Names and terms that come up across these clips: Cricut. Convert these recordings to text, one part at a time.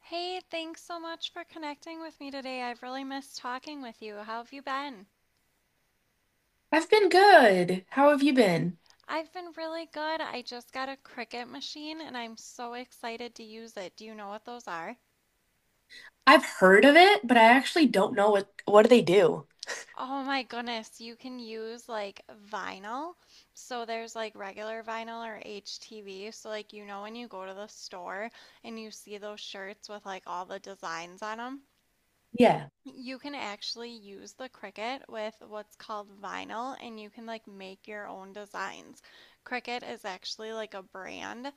Hey, thanks so much for connecting with me today. I've really missed talking with you. How have you been? I've been good. How have you been? I've been really good. I just got a Cricut machine and I'm so excited to use it. Do you know what those are? I've heard of it, but I actually don't know what do they do? Oh my goodness, you can use like vinyl. So there's like regular vinyl or HTV. So like you know when you go to the store and you see those shirts with like all the designs on them? Yeah. You can actually use the Cricut with what's called vinyl and you can like make your own designs. Cricut is actually like a brand,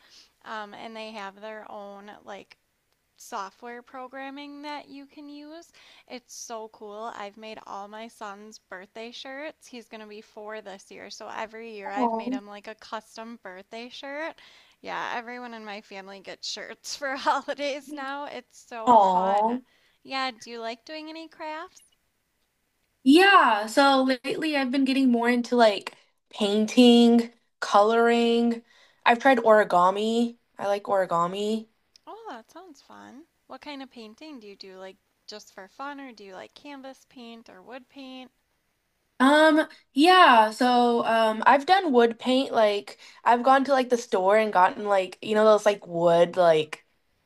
and they have their own like software programming that you can use. It's so cool. I've made all my son's birthday shirts. He's going to be four this year. So every year I've made Oh. him like a custom birthday shirt. Yeah, everyone in my family gets shirts for holidays now. It's so fun. Oh. Yeah, do you like doing any crafts? Yeah, so lately I've been getting more into like painting, coloring. I've tried origami. I like origami. Oh, that sounds fun. What kind of painting do you do? Like just for fun, or do you like canvas paint or wood paint? Yeah, so I've done wood paint like I've gone to like the store and gotten like you know those like wood like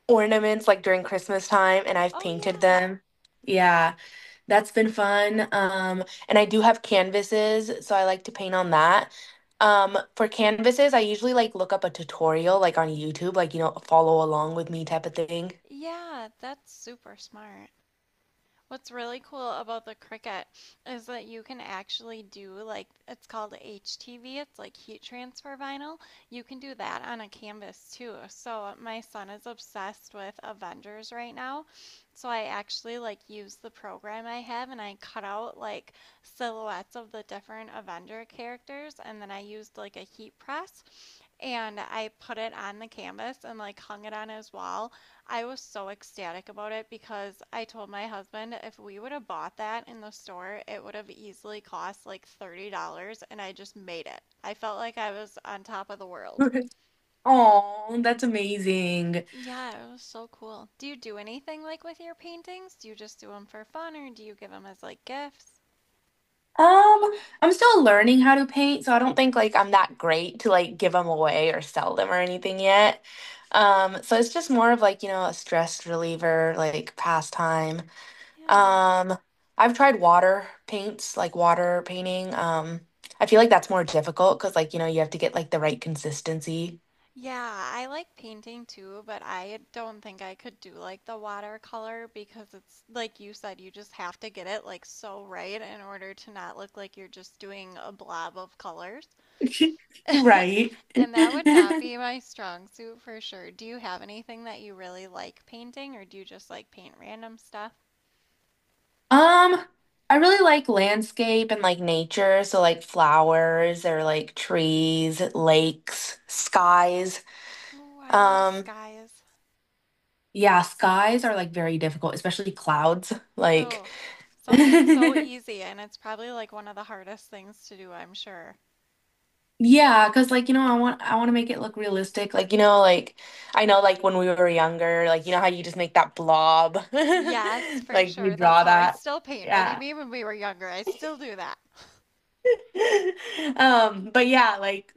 ornaments like during Christmas time and I've Oh, painted yeah. them. Yeah. That's been fun. And I do have canvases, so I like to paint on that. For canvases, I usually like look up a tutorial like on YouTube, like you know, follow along with me type of thing. Yeah, that's super smart. What's really cool about the Cricut is that you can actually do like it's called HTV, it's like heat transfer vinyl. You can do that on a canvas too. So my son is obsessed with Avengers right now. So I actually like use the program I have and I cut out like silhouettes of the different Avenger characters and then I used like a heat press and I put it on the canvas and like hung it on his wall. I was so ecstatic about it because I told my husband if we would have bought that in the store, it would have easily cost like $30 and I just made it. I felt like I was on top of the world. Oh, that's amazing. Yeah, it was so cool. Do you do anything like with your paintings? Do you just do them for fun or do you give them as like gifts? Um, I'm still learning how to paint, so I don't think like I'm that great to like give them away or sell them or anything yet. So it's just more of like, you know, a stress reliever, like pastime. Yeah. Um, I've tried water paints, like water painting. I feel like that's more difficult because like, you know, you have to get like the right consistency. Yeah, I like painting too, but I don't think I could do like the watercolor because it's like you said, you just have to get it like so right in order to not look like you're just doing a blob of colors. Right. And that would not be my strong suit for sure. Do you have anything that you really like painting or do you just like paint random stuff? Um, I really like landscape and like nature, so like flowers or like trees, lakes, skies. Oh, I love Um, skies. yeah, skies are like very difficult, especially clouds. Like Oh, something so easy and it's probably like one of the hardest things to do, I'm sure. yeah, because like you know, I want to make it look realistic. Like you know, like I know like when we were younger, like you know how you just make that blob, Yes, for like you sure. That's draw how I that. still paint. What do you Yeah. mean when we were younger? I still do that. But yeah, like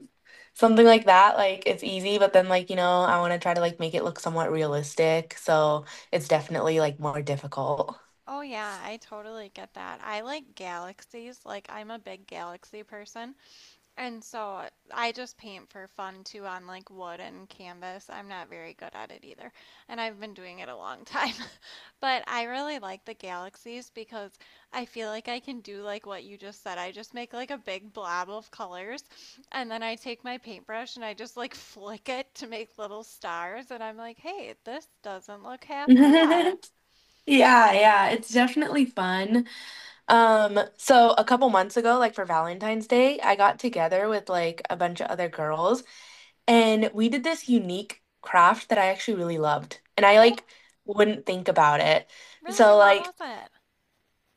something like that, like it's easy, but then like you know, I want to try to like make it look somewhat realistic, so it's definitely like more difficult. Oh, yeah, I totally get that. I like galaxies. Like, I'm a big galaxy person. And so I just paint for fun too on like wood and canvas. I'm not very good at it either. And I've been doing it a long time. But I really like the galaxies because I feel like I can do like what you just said. I just make like a big blob of colors and then I take my paintbrush and I just like flick it to make little stars. And I'm like, hey, this doesn't look half bad. Yeah, yeah, it's definitely fun. So a couple months ago, like for Valentine's Day, I got together with like a bunch of other girls and we did this unique craft that I actually really loved. And I Oh, like wouldn't think about it. really? So What like was it?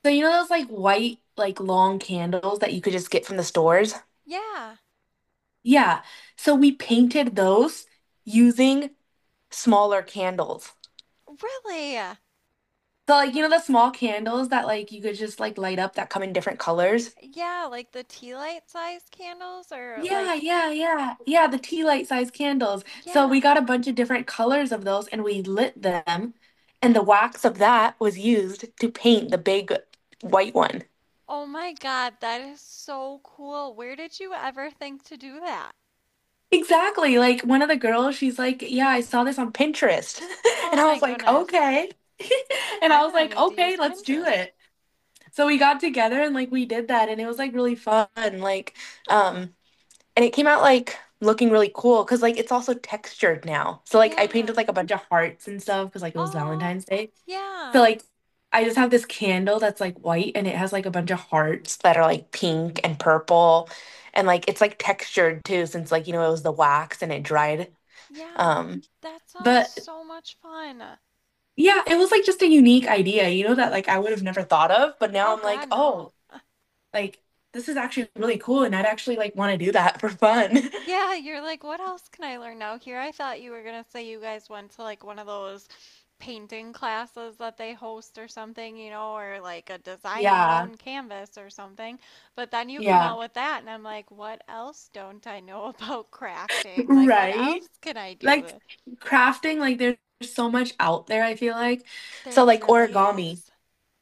you know those like white like long candles that you could just get from the stores? Yeah, Yeah. So we painted those using smaller candles. really? So like you know the small candles that like you could just like light up that come in different colors? Yeah, like the tea light sized candles or Yeah, like, yeah, yeah. Yeah, the tea light size candles. So we yeah. got a bunch of different colors of those and we lit them. And the wax of that was used to paint the big white one. Oh my God, that is so cool. Where did you ever think to do that? Exactly. Like one of the girls, she's like, "Yeah, I saw this on Pinterest." Oh And I my was like, goodness. "Okay." And I I'm was gonna like, need to "Okay, use let's do Pinterest. it." So we got together and like we did that and it was like really fun. Like, um, and it came out like looking really cool because like it's also textured now. So like I Yeah. painted like a bunch of hearts and stuff because like it was Oh, Valentine's Day. So yeah. like I just have this candle that's like white and it has like a bunch of hearts that are like pink and purple and like it's like textured too since like you know it was the wax and it dried. Yeah. Um That sounds but so much fun. yeah, it was like just a unique idea, you know, that like I would have never thought of, but now Oh I'm like, God, no. oh, like this is actually really cool and I'd actually like want to do that for fun. Yeah, you're like, what else can I learn now here? I thought you were gonna say you guys went to like one of those painting classes that they host or something, you know, or like a design your Yeah. own canvas or something. But then you come Yeah. out with that, and I'm like, what else don't I know about crafting? Like, what Right? else can I Like do? crafting, like there's so much out there, I feel like. There So like really origami. is.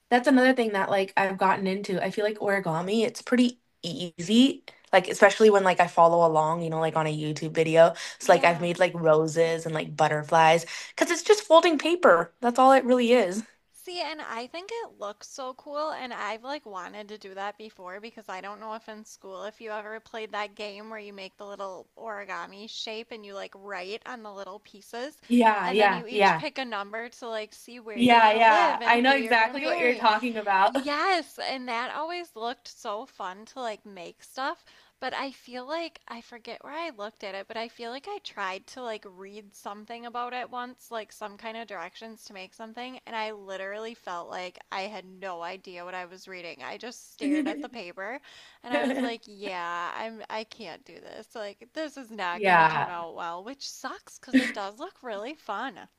That's another thing that like I've gotten into. I feel like origami, it's pretty easy. Like especially when like I follow along, you know, like on a YouTube video. So like I've Yeah. made like roses and like butterflies because it's just folding paper. That's all it really is. See, and I think it looks so cool, and I've like wanted to do that before because I don't know if in school if you ever played that game where you make the little origami shape and you like write on the little pieces, Yeah, and then yeah, you each yeah. pick a number to like see where you're Yeah, gonna yeah. live and I who know you're gonna exactly what you're marry. talking about. Yes, and that always looked so fun to like make stuff, but I feel like I forget where I looked at it, but I feel like I tried to like read something about it once, like some kind of directions to make something, and I literally felt like I had no idea what I was reading. I just stared at the paper and I was like, yeah, I can't do this. Like this is not going to turn Yeah. out well, which sucks 'cause it does look really fun.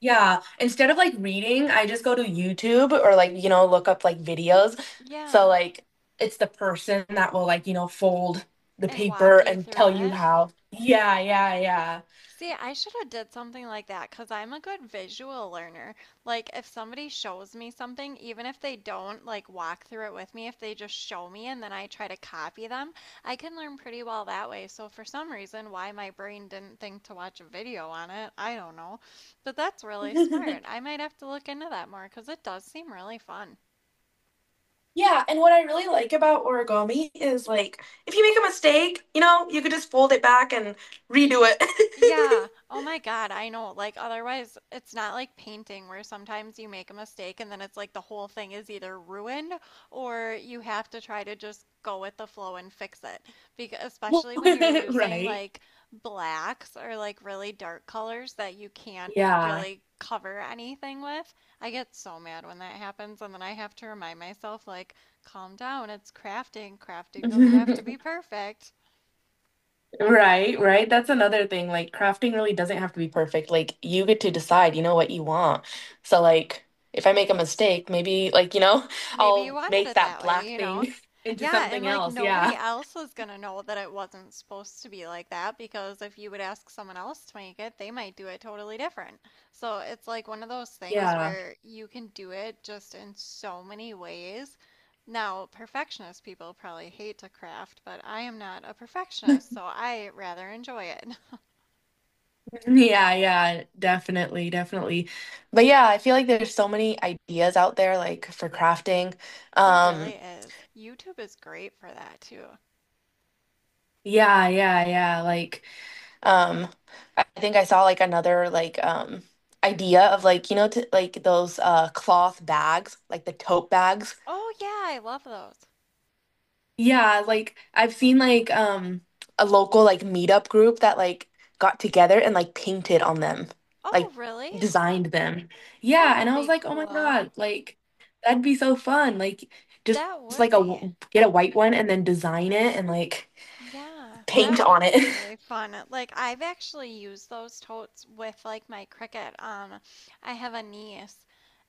Yeah, instead of like reading, I just go to YouTube or like, you know, look up like videos. So Yeah, like it's the person that will like, you know, fold the and paper walk you and through tell you it. how. Yeah, yeah, See, I should have did something like that because I'm a good visual learner. Like if somebody shows me something, even if they don't like walk through it with me, if they just show me and then I try to copy them, I can learn pretty well that way. So for some reason, why my brain didn't think to watch a video on it, I don't know. But that's really yeah. smart. I might have to look into that more because it does seem really fun. Yeah, and what I really like about origami is like if you make a mistake, you know, you could just fold it back and redo it. Yeah. Oh my God, I know. Like, otherwise, it's not like painting where sometimes you make a mistake and then it's like the whole thing is either ruined or you have to try to just go with the flow and fix it. Because especially when you're using Right. like blacks or like really dark colors that you can't Yeah. really cover anything with. I get so mad when that happens and then I have to remind myself like, calm down, it's crafting. Crafting doesn't have to be perfect. Right, right. That's another thing. Like crafting really doesn't have to be perfect. Like you get to decide, you know, what you want. So like if I make a mistake, maybe like, you know, Maybe you I'll wanted make it that that way, black you know? thing into Yeah, and something like else. nobody Yeah. else was gonna know that it wasn't supposed to be like that because if you would ask someone else to make it, they might do it totally different. So it's like one of those things Yeah. where you can do it just in so many ways. Now, perfectionist people probably hate to craft, but I am not a perfectionist, so I rather enjoy it. Yeah, yeah, definitely, definitely. But yeah, I feel like there's so many ideas out there like for crafting. There really Um is. YouTube is great for that too. yeah, yeah, yeah. Like Um, I think I saw like another like idea of like you know to, like those cloth bags, like the tote bags. Oh, yeah, I love those. Yeah, like I've seen like a local like meetup group that like got together and like painted on them, Oh, like really? designed them. That Yeah, and would I was be like, "Oh my cool. God, like that'd be so fun." Like just, That just would like a be. Get a white one and then design it and like Yeah, paint that on would it. be really fun. Like I've actually used those totes with like my Cricut. I have a niece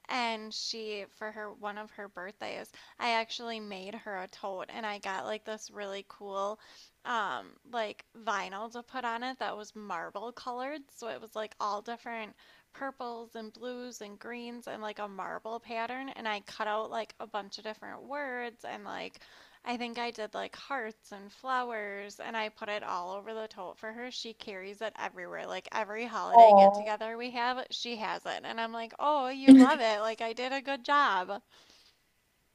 and she for her one of her birthdays, I actually made her a tote and I got like this really cool um like vinyl to put on it that was marble colored, so it was like all different purples and blues and greens and like a marble pattern and I cut out like a bunch of different words and like I think I did like hearts and flowers, and I put it all over the tote for her. She carries it everywhere. Like every holiday get Oh. together we have, she has it. And I'm like, oh, you love it. Like I did a good job.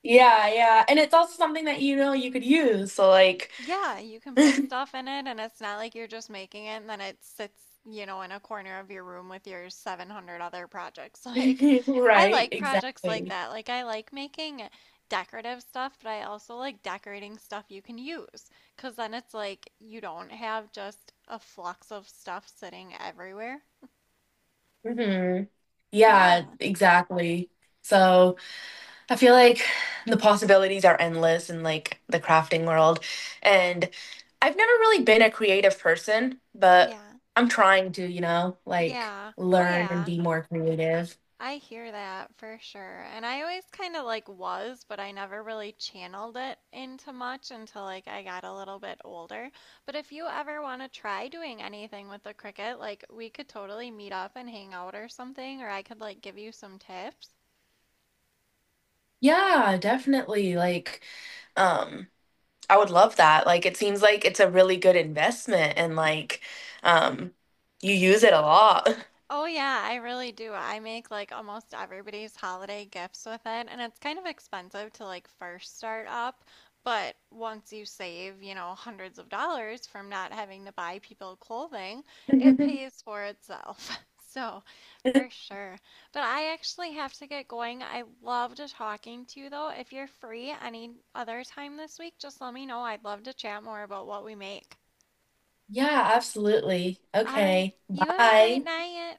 Yeah, yeah. And it's also something that you know you could use. So like Yeah, you can put stuff in it, and it's not like you're just making it and then it sits, you know, in a corner of your room with your 700 other projects. Like, I right, like projects like exactly. that. Like, I like making decorative stuff, but I also like decorating stuff you can use because then it's like you don't have just a flux of stuff sitting everywhere. Hmm. Yeah, Yeah, exactly. So I feel like the possibilities are endless in like the crafting world. And I've never really been a creative person, but yeah, I'm trying to, you know, like yeah. Oh, learn and yeah. be more creative. I hear that for sure. And I always kind of like was, but I never really channeled it into much until like I got a little bit older. But if you ever want to try doing anything with the cricket, like we could totally meet up and hang out or something, or I could like give you some tips. Yeah, definitely. Like, um, I would love that. Like it seems like it's a really good investment and like um you use it a lot. Oh yeah, I really do. I make like almost everybody's holiday gifts with it, and it's kind of expensive to like first start up, but once you save, you know, hundreds of dollars from not having to buy people clothing, it pays for itself. So, for sure. But I actually have to get going. I loved talking to you though. If you're free any other time this week, just let me know. I'd love to chat more about what we make. Yeah, absolutely. All right. Okay. You have a great Bye. night.